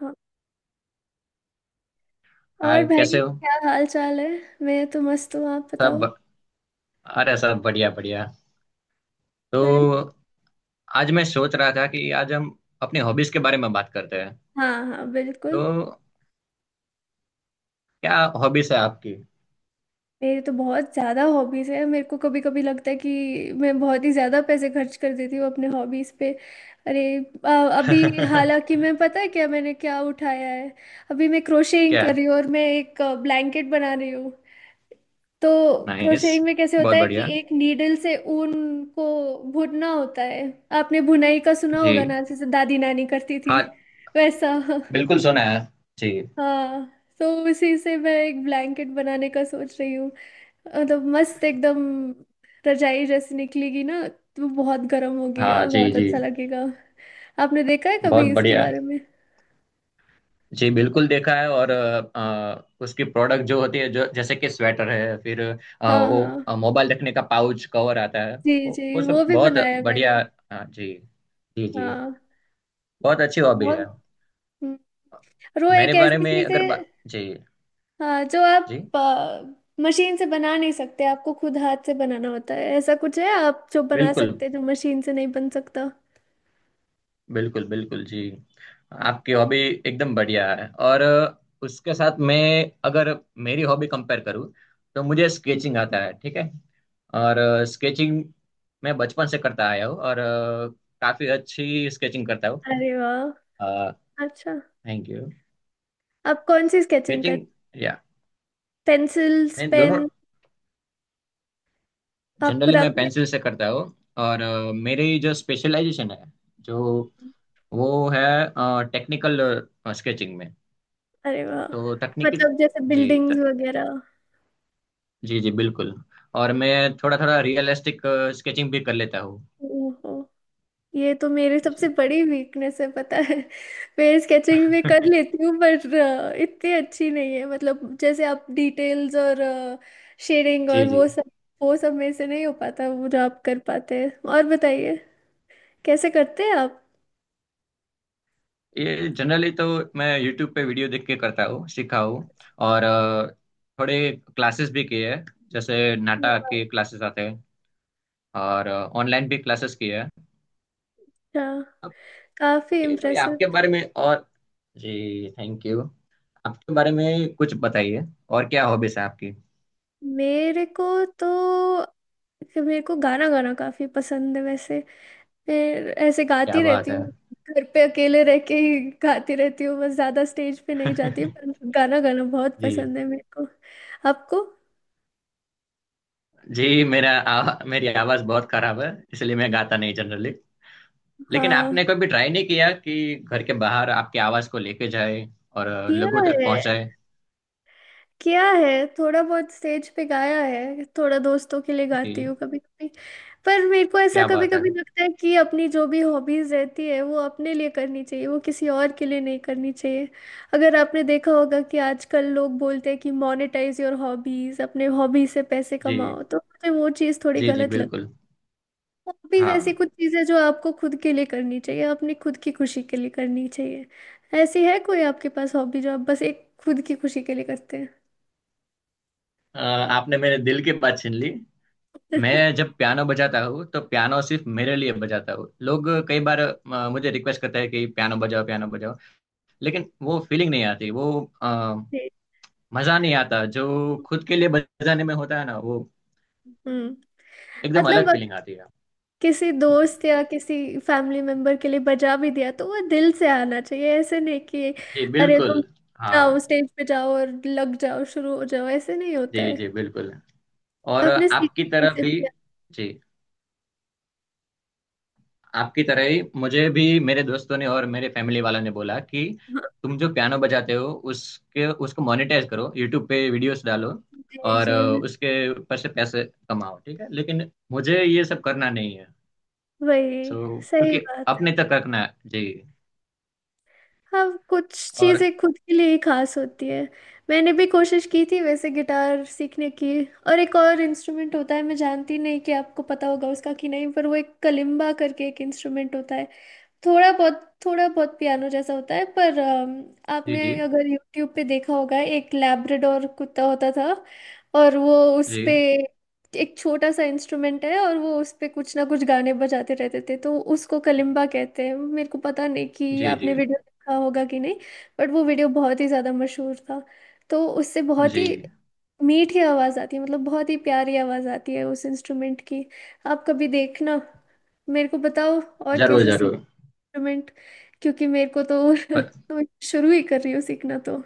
हाँ। और हाय, भाई, कैसे हो? क्या हाल चाल है? मैं तो मस्त हूँ। आप सब। बताओ। अरे, सब बढ़िया बढ़िया। तो अरे, आज मैं सोच रहा था कि आज हम अपनी हॉबीज के बारे में बात करते हैं। हाँ हाँ, बिल्कुल। तो क्या हॉबीज है आपकी? मेरी तो बहुत ज़्यादा हॉबीज़ है। मेरे को कभी कभी लगता है कि मैं बहुत ही ज़्यादा पैसे खर्च कर देती हूँ अपने हॉबीज़ पे। अरे अ, अभी हालांकि मैं, पता है क्या मैंने क्या उठाया है? अभी मैं क्रोशिंग क्या। कर रही हूँ और मैं एक ब्लैंकेट बना रही हूँ। तो नाइस। क्रोशेटिंग में कैसे होता बहुत है कि बढ़िया। एक नीडल से ऊन को बुनना होता है। आपने बुनाई का सुना जी, होगा ना, जैसे दादी नानी करती थी, हाँ वैसा। बिल्कुल सुना है। जी हाँ, तो उसी से मैं एक ब्लैंकेट बनाने का सोच रही हूँ। मतलब मस्त एकदम रजाई जैसी निकलेगी ना, तो बहुत गर्म होगी हाँ। और जी बहुत जी। अच्छा लगेगा। आपने देखा है बहुत कभी इसके बढ़िया। बारे में? जी बिल्कुल देखा है। और उसकी प्रोडक्ट जो होती है, जो जैसे कि स्वेटर है, फिर हाँ हाँ, वो मोबाइल रखने का पाउच कवर आता है। जी वो, जी, वो सब वो भी बहुत बनाया है मैंने। बढ़िया। हाँ, जी। जी जी। हाँ, बहुत अच्छी तो हॉबी बहुत। है। हम्म। और वो एक मेरे बारे ऐसी में चीज है, अगर बात। जी हाँ, जो जी आप मशीन से बना नहीं सकते, आपको खुद हाथ से बनाना होता है। ऐसा कुछ है आप जो बना बिल्कुल। सकते हैं जो मशीन से नहीं बन सकता। बिल्कुल बिल्कुल जी। आपकी हॉबी एकदम बढ़िया है। और उसके साथ मैं, अगर मेरी हॉबी कंपेयर करूँ, तो मुझे हम्म। स्केचिंग आता है, ठीक है। और स्केचिंग मैं बचपन से करता आया हूँ, और काफी अच्छी स्केचिंग करता हूँ। अरे वाह, अच्छा। Thank you. आप कौन सी स्केचिंग कर, स्केचिंग या, पेंसिल्स मैं दोनों। पेन? आप जनरली रंग मैं के? पेंसिल से करता हूँ। और मेरी जो स्पेशलाइजेशन है, जो वो है, टेक्निकल स्केचिंग में, अरे वाह, तो तकनीकी। मतलब जैसे जी बिल्डिंग्स त, वगैरह? जी जी बिल्कुल। और मैं थोड़ा थोड़ा रियलिस्टिक स्केचिंग भी कर लेता हूँ। ओहो, ये तो मेरी सबसे जी। बड़ी वीकनेस है, पता है। मैं स्केचिंग भी कर लेती हूँ पर इतनी अच्छी नहीं है। मतलब जैसे आप डिटेल्स और शेडिंग और जी जी। वो सब, वो सब मेरे से नहीं हो पाता, वो जो आप कर पाते हैं। और बताइए, कैसे करते हैं आप? ये जनरली तो मैं यूट्यूब पे वीडियो देख के करता हूँ, सीखा हूँ। और थोड़े क्लासेस भी किए हैं, जैसे नाटा अच्छा, के क्लासेस आते हैं। और ऑनलाइन भी क्लासेस किए हैं अब। काफी ये थोड़ी इम्प्रेसिव। आपके बारे में, और जी थैंक यू। आपके बारे में कुछ बताइए, और क्या हॉबीज है आपकी? मेरे को तो, मेरे को गाना गाना काफी पसंद है वैसे। फिर ऐसे क्या गाती बात रहती है। हूँ, घर पे अकेले रह के ही गाती रहती हूँ। बस ज्यादा स्टेज पे नहीं जाती, पर गाना गाना बहुत जी। पसंद है मेरे को। आपको? मेरी आवाज बहुत खराब है, इसलिए मैं गाता नहीं जनरली। लेकिन हाँ, आपने कभी ट्राई नहीं किया कि घर के बाहर आपकी आवाज को लेके जाए और किया लोगों तक है। पहुंचाए? किया है थोड़ा बहुत। स्टेज पे गाया है थोड़ा, दोस्तों के लिए गाती जी। हूँ कभी कभी। पर मेरे को ऐसा क्या कभी बात है। कभी लगता है कि अपनी जो भी हॉबीज रहती है वो अपने लिए करनी चाहिए, वो किसी और के लिए नहीं करनी चाहिए। अगर आपने देखा होगा कि आजकल लोग बोलते हैं कि मोनेटाइज योर हॉबीज, अपने हॉबी से पैसे जी। कमाओ, तो मुझे वो चीज़ थोड़ी जी जी गलत लगती बिल्कुल। है। हॉबीज ऐसी हाँ। कुछ चीज़ें जो आपको खुद के लिए करनी चाहिए, अपनी खुद की खुशी के लिए करनी चाहिए। ऐसी है कोई आपके पास हॉबी जो आप बस एक खुद की खुशी के लिए करते हैं? अ, आपने मेरे दिल की बात छीन ली। मैं जब पियानो बजाता हूँ, तो पियानो सिर्फ मेरे लिए बजाता हूँ। लोग कई बार मुझे रिक्वेस्ट करते हैं कि पियानो बजाओ, पियानो बजाओ, लेकिन वो फीलिंग नहीं आती। वो अ, मजा नहीं आता जो खुद के लिए बजाने में होता है ना, वो हम्म, एकदम मतलब अलग अगर फीलिंग आती है। किसी जी दोस्त या किसी फैमिली मेंबर के लिए बजा भी दिया तो वो दिल से आना चाहिए। ऐसे नहीं कि जी अरे तुम बिल्कुल। हाँ, जाओ, स्टेज पे जाओ और लग जाओ, शुरू हो जाओ, ऐसे नहीं होता जी जी है। बिल्कुल। और आपने आपकी सीखने तरह से भी। भी, जी। आपकी तरह ही मुझे भी मेरे दोस्तों ने और मेरे फैमिली वालों ने बोला कि हाँ, तुम जो पियानो बजाते हो, उसके उसको मोनेटाइज करो, यूट्यूब पे वीडियोस डालो जी और जी, उसके ऊपर से पैसे कमाओ, ठीक है, लेकिन मुझे ये सब करना नहीं है। वही सो सही क्योंकि बात है। अपने तक रखना है जी। हाँ, कुछ और चीज़ें खुद के लिए ही खास होती है। मैंने भी कोशिश की थी वैसे गिटार सीखने की। और एक और इंस्ट्रूमेंट होता है, मैं जानती नहीं कि आपको पता होगा उसका कि नहीं, पर वो एक कलिम्बा करके एक इंस्ट्रूमेंट होता है। थोड़ा बहुत, थोड़ा बहुत पियानो जैसा होता है, पर जी जी। आपने अगर यूट्यूब पे देखा होगा, एक लैब्राडोर कुत्ता होता था और वो उस पे, जी एक छोटा सा इंस्ट्रूमेंट है और वो उस पे कुछ ना कुछ गाने बजाते रहते थे, तो उसको कलिम्बा कहते हैं। मेरे को पता नहीं कि जी आपने जी वीडियो देखा होगा कि नहीं, बट वो वीडियो बहुत ही ज़्यादा मशहूर था। तो उससे बहुत जी। ही मीठी आवाज़ आती है, मतलब बहुत ही प्यारी आवाज़ आती है उस इंस्ट्रूमेंट की। आप कभी देखना, मेरे को बताओ और जरूर कैसे जरूर। इंस्ट्रूमेंट, क्योंकि मेरे को तो तो शुरू ही कर रही हूँ सीखना तो।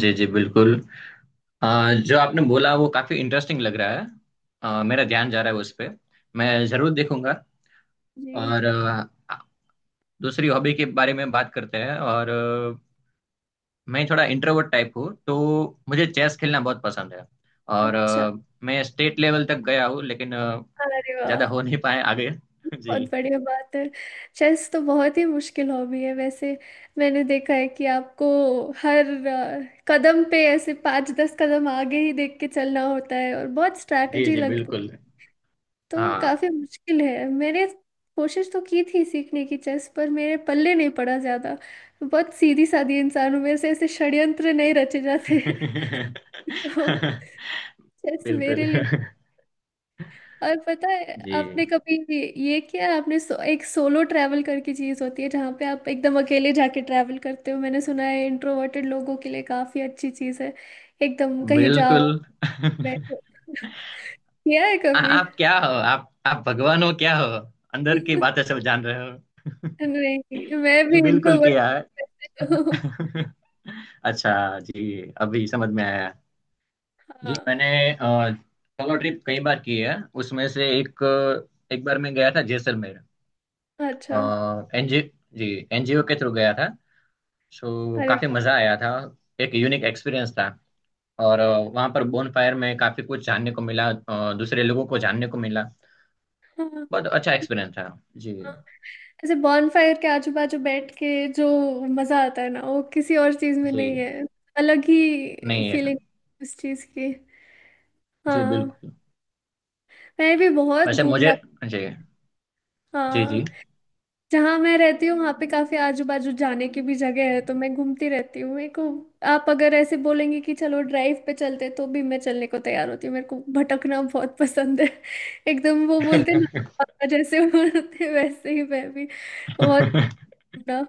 जी जी बिल्कुल। जो आपने बोला वो काफी इंटरेस्टिंग लग रहा है। हाँ, मेरा ध्यान जा रहा है उस पे। मैं जरूर देखूंगा। जी। और दूसरी हॉबी के बारे में बात करते हैं। और मैं थोड़ा इंट्रोवर्ट टाइप हूँ, तो मुझे चेस खेलना बहुत पसंद है। और अच्छा। मैं स्टेट लेवल तक गया हूँ, लेकिन अरे ज्यादा वाह, हो नहीं पाए आगे। जी बहुत बढ़िया बात है। चेस तो बहुत ही मुश्किल हॉबी है वैसे। मैंने देखा है कि आपको हर कदम पे ऐसे पाँच दस कदम आगे ही देख के चलना होता है और बहुत जी। स्ट्रैटेजी जी लगती है। बिल्कुल। तो हाँ। काफी मुश्किल है। मैंने कोशिश तो की थी सीखने की चेस, पर मेरे पल्ले नहीं पड़ा ज्यादा। बहुत सीधी सादी इंसान हूँ, मेरे से ऐसे षड्यंत्र नहीं रचे जाते। तो चेस मेरे बिल्कुल लिए। और पता है, आपने जी कभी ये किया है? आपने एक सोलो ट्रैवल करके चीज होती है जहाँ पे आप एकदम अकेले जाके ट्रैवल करते हो। मैंने सुना है इंट्रोवर्टेड लोगों के लिए काफी अच्छी चीज है। एकदम कहीं बिल्कुल। जाओ, बैठो। किया है कभी? आप क्या हो? आप भगवान हो क्या हो? अंदर की बातें सब जान रहे हो। नहीं, मैं भी जी बिल्कुल इंट्रोवर्ट किया है। हूँ। अच्छा। जी, अभी समझ में आया। जी, हाँ। मैंने अ, सोलो ट्रिप कई बार की है। उसमें से एक, एक बार मैं गया था जैसलमेर, अच्छा। एनजीओ, जी, एनजीओ के थ्रू गया था। सो अरे, काफी मजा आया था। एक यूनिक एक्सपीरियंस था। और वहाँ पर बोन फायर में काफी कुछ जानने को मिला, दूसरे लोगों को जानने को मिला। हाँ, बहुत अच्छा एक्सपीरियंस था। जी। ऐसे बॉनफायर के आजू बाजू बैठ के जो मजा आता है ना वो किसी और चीज में नहीं जी। है। अलग ही नहीं है। फीलिंग उस चीज की। जी हाँ, बिल्कुल। मैं भी बहुत वैसे मुझे, घूमना। जी जी जी। हाँ, जहाँ मैं रहती हूँ वहाँ पे काफी आजू बाजू जाने की भी जगह है, तो मैं घूमती रहती हूँ। मेरे को, आप अगर ऐसे बोलेंगे कि चलो ड्राइव पे चलते, तो भी मैं चलने को तैयार होती हूँ। मेरे को भटकना बहुत पसंद है। एकदम वो बोलते हैं ना, पापा जैसे बोलते हैं, वैसे ही मैं भी बहुत घूमना।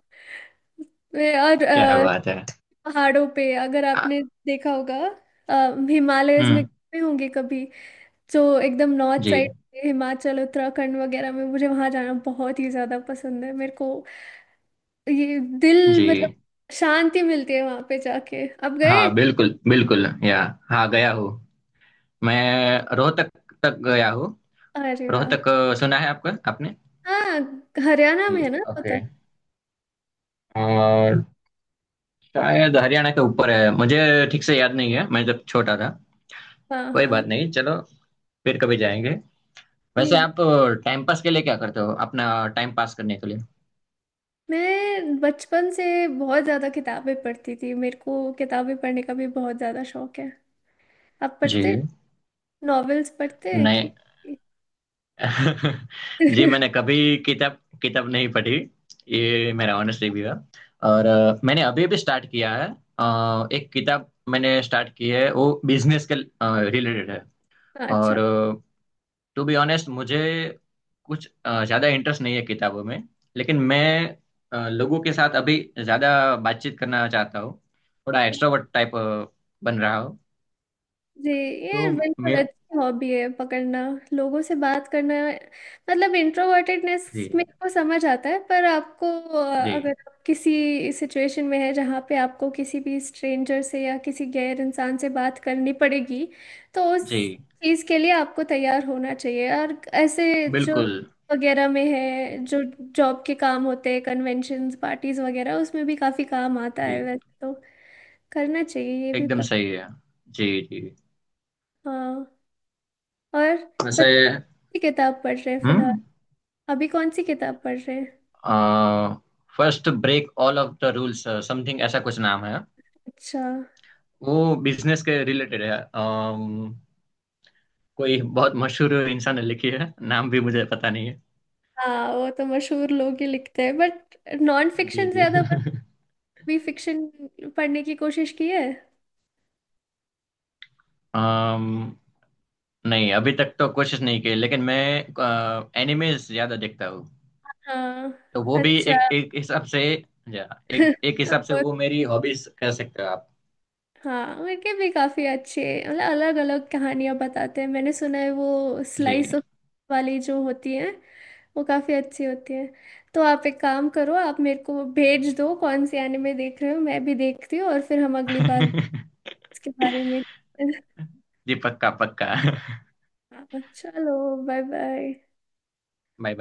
मैं और क्या बात है। पहाड़ों पे, अगर आ, आपने देखा होगा, हिमालयस में हम्म। गए होंगे कभी, जो एकदम नॉर्थ जी साइड हिमाचल उत्तराखंड वगैरह में, मुझे वहां जाना बहुत ही ज्यादा पसंद है। मेरे को ये दिल, मतलब जी। शांति मिलती है वहां पे जाके। अब गए? हाँ बिल्कुल बिल्कुल, या हाँ गया हूँ। मैं रोहतक तक गया हूँ। अरे वाह। रोहतक सुना है आपका आपने। हाँ, हरियाणा जी, में है ना ओके। रोहतक। और शायद हरियाणा के ऊपर है, मुझे ठीक से याद नहीं है, मैं जब छोटा था। हाँ कोई हाँ, बात नहीं, चलो फिर कभी जाएंगे। वैसे जी। आप टाइम पास के लिए क्या करते हो, अपना टाइम पास करने के लिए? मैं बचपन से बहुत ज्यादा किताबें पढ़ती थी, मेरे को किताबें पढ़ने का भी बहुत ज्यादा शौक है। आप जी, पढ़ते, नॉवेल्स पढ़ते हैं कि? नहीं। जी, मैंने कभी किताब किताब नहीं पढ़ी। ये मेरा ऑनेस्ट रिव्यू है। और मैंने अभी अभी स्टार्ट किया है। एक किताब मैंने स्टार्ट की है, वो बिजनेस के रिलेटेड है। अच्छा। और टू बी ऑनेस्ट, मुझे कुछ ज्यादा इंटरेस्ट नहीं है किताबों में। लेकिन मैं लोगों के साथ अभी ज्यादा बातचीत करना चाहता हूँ। थोड़ा एक्सट्रोवर्ट टाइप बन रहा हूँ, जी, ये तो बिल्कुल मेरा। अच्छी हॉबी है पकड़ना, लोगों से बात करना। मतलब जी इंट्रोवर्टेडनेस मेरे को समझ आता है, पर आपको जी अगर आप किसी सिचुएशन में है जहाँ पे आपको किसी भी स्ट्रेंजर से या किसी गैर इंसान से बात करनी पड़ेगी, तो जी उस चीज़ के लिए आपको तैयार होना चाहिए। और ऐसे जो बिल्कुल वगैरह में है, जो जॉब के काम होते हैं, कन्वेंशंस पार्टीज वगैरह, उसमें भी काफ़ी काम आता है जी। वैसे। तो करना चाहिए ये भी, एकदम पर, सही है। जी जी। हाँ। और वैसे, सी किताब पढ़ रहे हैं फिलहाल, हम्म, अभी कौन सी किताब पढ़ रहे हैं? First break all of the rules, something ऐसा कुछ नाम है। अच्छा। वो बिजनेस के रिलेटेड है। कोई बहुत मशहूर इंसान ने लिखी है, नाम भी मुझे पता नहीं है। हाँ, वो तो मशहूर लोग ही लिखते हैं। बट नॉन जी फिक्शन जी। ज्यादा, बस भी फिक्शन पढ़ने की कोशिश की है? अम, नहीं अभी तक तो कोशिश नहीं की, लेकिन मैं एनिमेज ज्यादा देखता हूँ, हाँ। तो वो भी अच्छा। एक एक हिसाब से, या एक एक हिसाब से और- वो मेरी हॉबीज कह सकते हो आप। हाँ, उनके भी काफी अच्छे, मतलब अलग अलग कहानियां बताते हैं। मैंने सुना है वो स्लाइस जी। ऑफ वाली जो होती है वो काफी अच्छी होती है। तो आप एक काम करो, आप मेरे को भेज दो कौन से एनिमे देख रहे हो, मैं भी देखती हूँ और फिर हम अगली बार इसके बारे में। जी पक्का पक्का। हाँ, चलो। Bye bye. बाय।